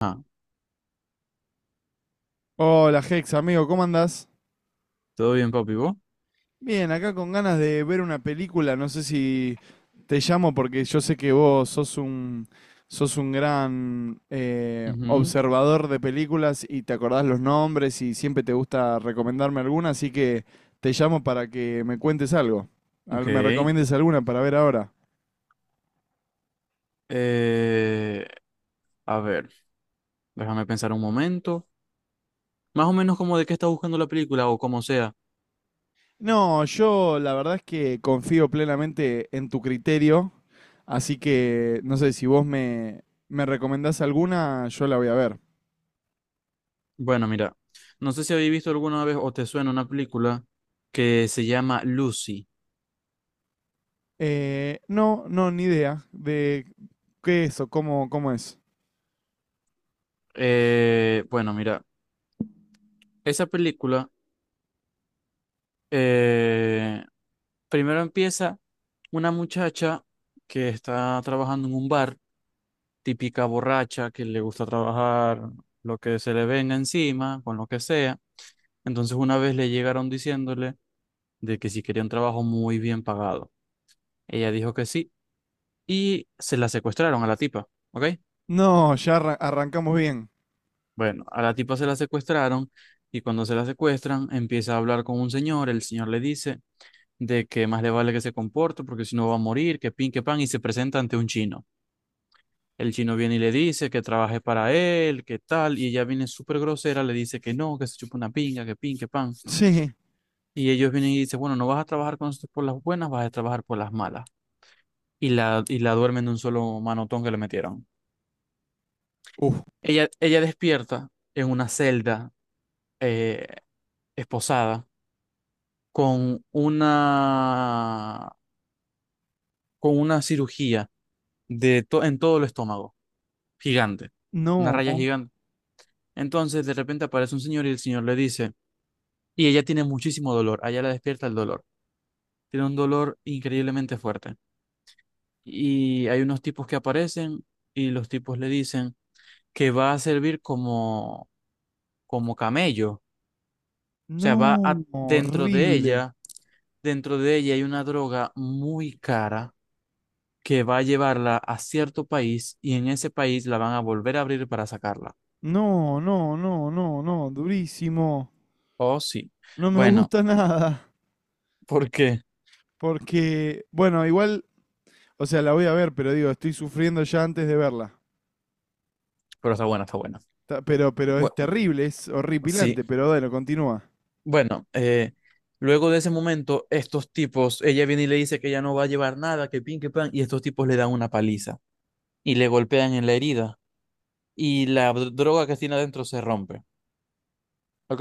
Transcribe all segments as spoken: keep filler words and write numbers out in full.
Ah, Hola, Hex, amigo, ¿cómo andás? todo bien, papi, vos. Bien, acá con ganas de ver una película, no sé si te llamo porque yo sé que vos sos un, sos un gran eh, Ujú. observador de películas y te acordás los nombres y siempre te gusta recomendarme alguna, así que te llamo para que me cuentes algo. A Ok. ver, me recomiendes alguna para ver ahora. Eh, a ver, déjame pensar un momento. Más o menos como de qué está buscando la película o como sea. No, yo la verdad es que confío plenamente en tu criterio, así que no sé si vos me, me recomendás alguna, yo la voy a ver. Bueno, mira, no sé si habéis visto alguna vez o te suena una película que se llama Lucy. Eh, no, no, ni idea de qué es o cómo, cómo es. Eh, bueno, mira, esa película eh, primero empieza una muchacha que está trabajando en un bar, típica borracha que le gusta trabajar lo que se le venga encima, con lo que sea. Entonces una vez le llegaron diciéndole de que si quería un trabajo muy bien pagado. Ella dijo que sí y se la secuestraron a la tipa, ¿ok? No, ya arra- arrancamos bien. Bueno, a la tipa se la secuestraron y cuando se la secuestran empieza a hablar con un señor. El señor le dice de que más le vale que se comporte porque si no va a morir, que pin, que pan, y se presenta ante un chino. El chino viene y le dice que trabaje para él, que tal, y ella viene súper grosera, le dice que no, que se chupa una pinga, que pin, que pan. Sí. Y ellos vienen y dicen, bueno, no vas a trabajar con nosotros por las buenas, vas a trabajar por las malas. Y la, y la duermen de un solo manotón que le metieron. Uf. Ella, ella despierta en una celda, eh, esposada, con una, con una cirugía de to- en todo el estómago, gigante, una No, raya gigante. Entonces, de repente aparece un señor y el señor le dice. Y ella tiene muchísimo dolor, a ella la despierta el dolor. Tiene un dolor increíblemente fuerte. Y hay unos tipos que aparecen y los tipos le dicen que va a servir como, como camello. O sea, va no, a, dentro de horrible. ella, dentro de ella hay una droga muy cara que va a llevarla a cierto país y en ese país la van a volver a abrir para sacarla. No, no, no, no, no, durísimo. Oh, sí. No me Bueno, gusta nada. ¿por qué? Porque, bueno, igual, o sea, la voy a ver, pero digo, estoy sufriendo ya antes de verla. Pero está buena, está buena. Ta- Pero, pero es Bueno, terrible, es sí. horripilante, pero bueno, continúa. Bueno, eh, luego de ese momento, estos tipos, ella viene y le dice que ya no va a llevar nada, que pin, que pan, y estos tipos le dan una paliza y le golpean en la herida y la dro- droga que tiene adentro se rompe, ¿ok?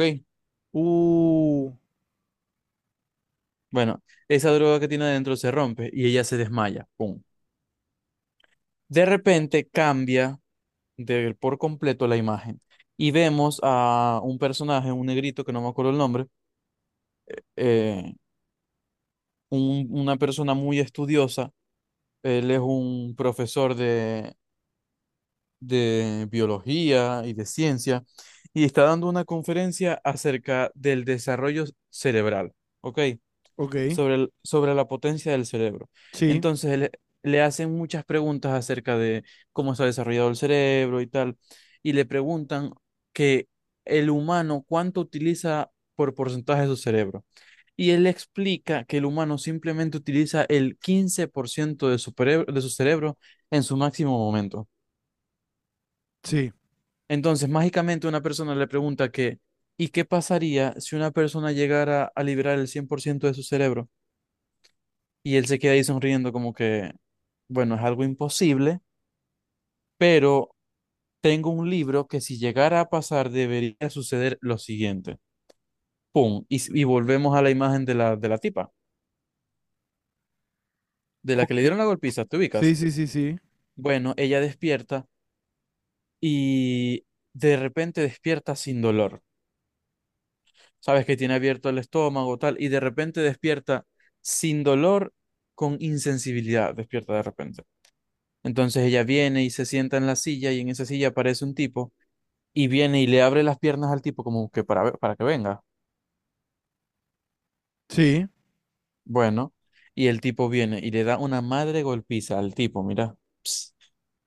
Uh, Bueno, esa droga que tiene adentro se rompe y ella se desmaya, ¡pum! De repente cambia de, por completo la imagen y vemos a un personaje, un negrito que no me acuerdo el nombre, eh, un- una persona muy estudiosa. Él es un profesor de biología y de ciencia y está dando una conferencia acerca del desarrollo cerebral, ¿ok? ok, Sobre, el- sobre la potencia del cerebro. sí, Entonces le, le hacen muchas preguntas acerca de cómo está desarrollado el cerebro y tal, y le preguntan que el humano cuánto utiliza por porcentaje de su cerebro. Y él explica que el humano simplemente utiliza el quince por ciento de su, pereb- de su cerebro en su máximo momento. sí, Entonces, mágicamente una persona le pregunta que, ¿y qué pasaría si una persona llegara a liberar el cien por ciento de su cerebro? Y él se queda ahí sonriendo como que, bueno, es algo imposible, pero tengo un libro que si llegara a pasar debería suceder lo siguiente. ¡Pum! Y, s- y volvemos a la imagen de la, de la tipa, de la que le ok, dieron la golpiza, ¿te sí, ubicas? sí, sí, sí, Bueno, ella despierta y de repente despierta sin dolor. Sabes que tiene abierto el estómago, tal, y de repente despierta sin dolor, con insensibilidad, despierta de repente. Entonces ella viene y se sienta en la silla y en esa silla aparece un tipo, y viene y le abre las piernas al tipo como que para, ver- para que venga. sí. Bueno, y el tipo viene y le da una madre golpiza al tipo, mira. Ps,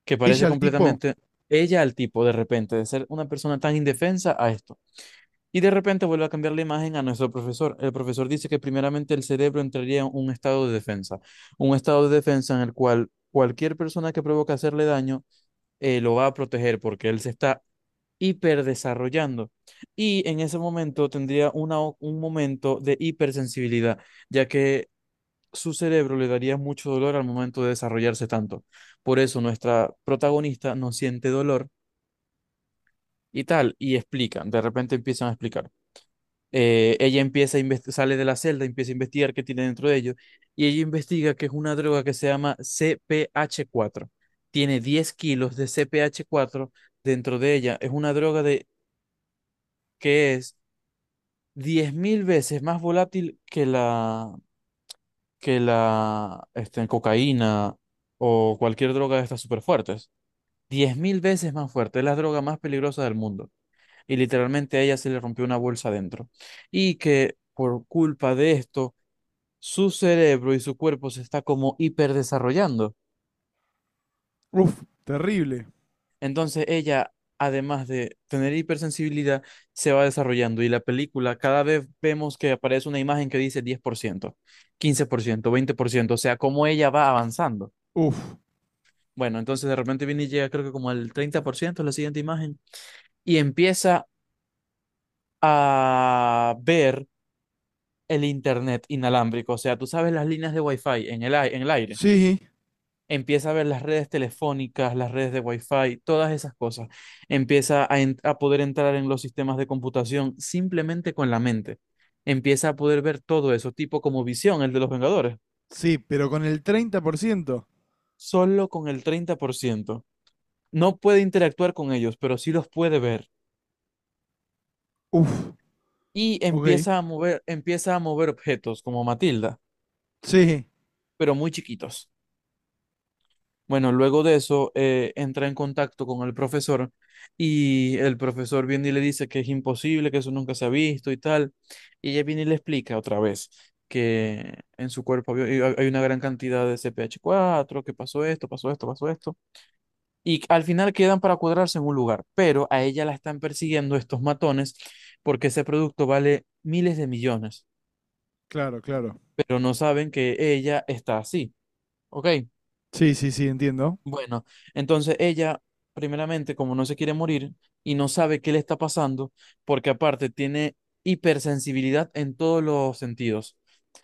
que Ella parece al tipo. completamente, ella al tipo, de repente, de ser una persona tan indefensa a esto. Y de repente vuelve a cambiar la imagen a nuestro profesor. El profesor dice que primeramente el cerebro entraría en un estado de defensa, un estado de defensa en el cual cualquier persona que provoque hacerle daño, eh, lo va a proteger porque él se está hiperdesarrollando. Y en ese momento tendría una, o- un momento de hipersensibilidad, ya que su cerebro le daría mucho dolor al momento de desarrollarse tanto. Por eso nuestra protagonista no siente dolor y tal, y explican, de repente empiezan a explicar. Eh, ella empieza a investi- sale de la celda, empieza a investigar qué tiene dentro de ellos, y ella investiga que es una droga que se llama C P H cuatro. Tiene diez kilos de C P H cuatro dentro de ella. Es una droga de, que es diez mil veces más volátil que la, que la este, cocaína o cualquier droga de estas súper fuertes. Diez mil veces más fuerte. Es la droga más peligrosa del mundo. Y literalmente a ella se le rompió una bolsa adentro. Y que por culpa de esto su cerebro y su cuerpo se está como hiperdesarrollando. Uff, terrible. Entonces ella, además de tener hipersensibilidad, se va desarrollando y la película cada vez vemos que aparece una imagen que dice diez por por ciento, ciento, quince por ciento, veinte por ciento, o sea, cómo ella va avanzando. Uff, Bueno, entonces de repente viene y llega creo que como al treinta por ciento la siguiente imagen, y empieza a ver el internet inalámbrico, o sea, tú sabes, las líneas de wifi en el, ai- en el aire. sí, Empieza a ver las redes telefónicas, las redes de Wi-Fi, todas esas cosas. Empieza a, en- a poder entrar en los sistemas de computación simplemente con la mente. Empieza a poder ver todo eso, tipo como Visión, el de los Vengadores, sí, pero con el treinta por ciento. solo con el treinta por ciento. No puede interactuar con ellos, pero sí los puede ver. Uff, Y ok, empieza a mover, empieza a mover objetos como Matilda, sí, pero muy chiquitos. Bueno, luego de eso eh, entra en contacto con el profesor, y el profesor viene y le dice que es imposible, que eso nunca se ha visto y tal. Y ella viene y le explica otra vez que en su cuerpo había- hay hay una gran cantidad de C P H cuatro, que pasó esto, pasó esto, pasó esto. Y al final quedan para cuadrarse en un lugar, pero a ella la están persiguiendo estos matones porque ese producto vale miles de millones, claro, claro, pero no saben que ella está así. ¿Ok? sí, sí, sí, entiendo, Bueno, entonces ella, primeramente, como no se quiere morir y no sabe qué le está pasando, porque aparte tiene hipersensibilidad en todos los sentidos.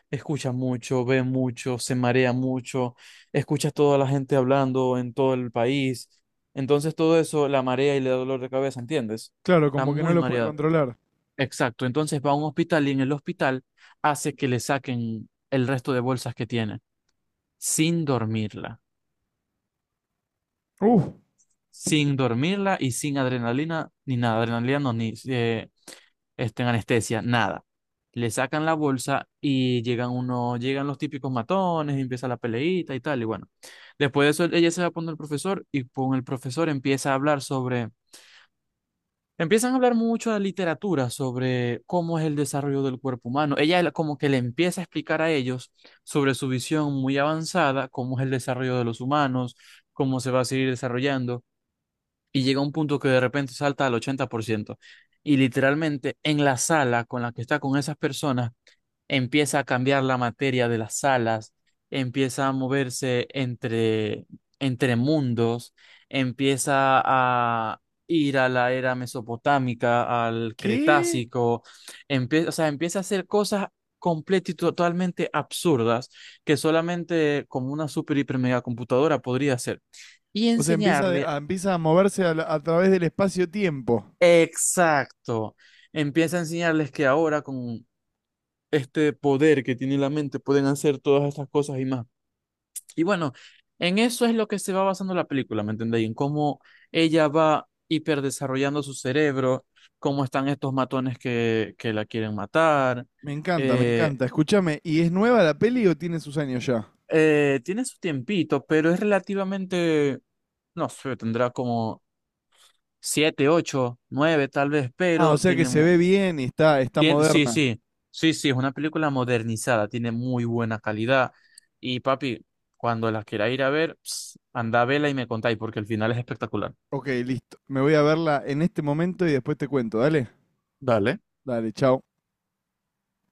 Escucha mucho, ve mucho, se marea mucho, escucha a toda la gente hablando en todo el país. Entonces todo eso la marea y le da dolor de cabeza, ¿entiendes? claro, Está como que no muy lo puede mareada. controlar. Exacto, entonces va a un hospital y en el hospital hace que le saquen el resto de bolsas que tiene, sin dormirla. Uff, Sin dormirla y sin adrenalina, ni nada, adrenalina no, ni eh, este, anestesia, nada. Le sacan la bolsa y llegan uno, llegan los típicos matones, y empieza la peleita y tal, y bueno. Después de eso, ella se va a el profesor y con el profesor empieza a hablar sobre, empiezan a hablar mucho de literatura, sobre cómo es el desarrollo del cuerpo humano. Ella la- como que le empieza a explicar a ellos sobre su visión muy avanzada, cómo es el desarrollo de los humanos, cómo se va a seguir desarrollando, y llega a un punto que de repente salta al ochenta por ciento. Y literalmente en la sala con la que está con esas personas, empieza a cambiar la materia de las salas, empieza a moverse entre, entre, mundos, empieza a ir a la era mesopotámica, al ¿qué? Cretácico, empieza, o sea, empieza a hacer cosas completas y totalmente absurdas que solamente como una super hiper mega computadora podría hacer y O sea, empieza, de- enseñarle. a, empieza a moverse a, la- a través del espacio-tiempo. Exacto. Empieza a enseñarles que ahora con este poder que tiene la mente pueden hacer todas estas cosas y más. Y bueno, en eso es lo que se va basando la película, ¿me entendéis? En cómo ella va hiperdesarrollando su cerebro, cómo están estos matones que, que la quieren matar. Me encanta, me Eh, encanta. Escúchame, ¿y es nueva la peli o tiene sus años ya? Eh, tiene su tiempito, pero es relativamente, no sé, tendrá como siete, ocho, nueve tal vez, Ah, o pero sea que tiene se ve mu-. bien y está, está Tien- sí, moderna. sí, sí, sí, es una película modernizada, tiene muy buena calidad. Y papi, cuando la quiera ir a ver, ps, anda a vela y me contáis, porque el final es espectacular. Ok, listo. Me voy a verla en este momento y después te cuento. Dale, Dale. dale, chao.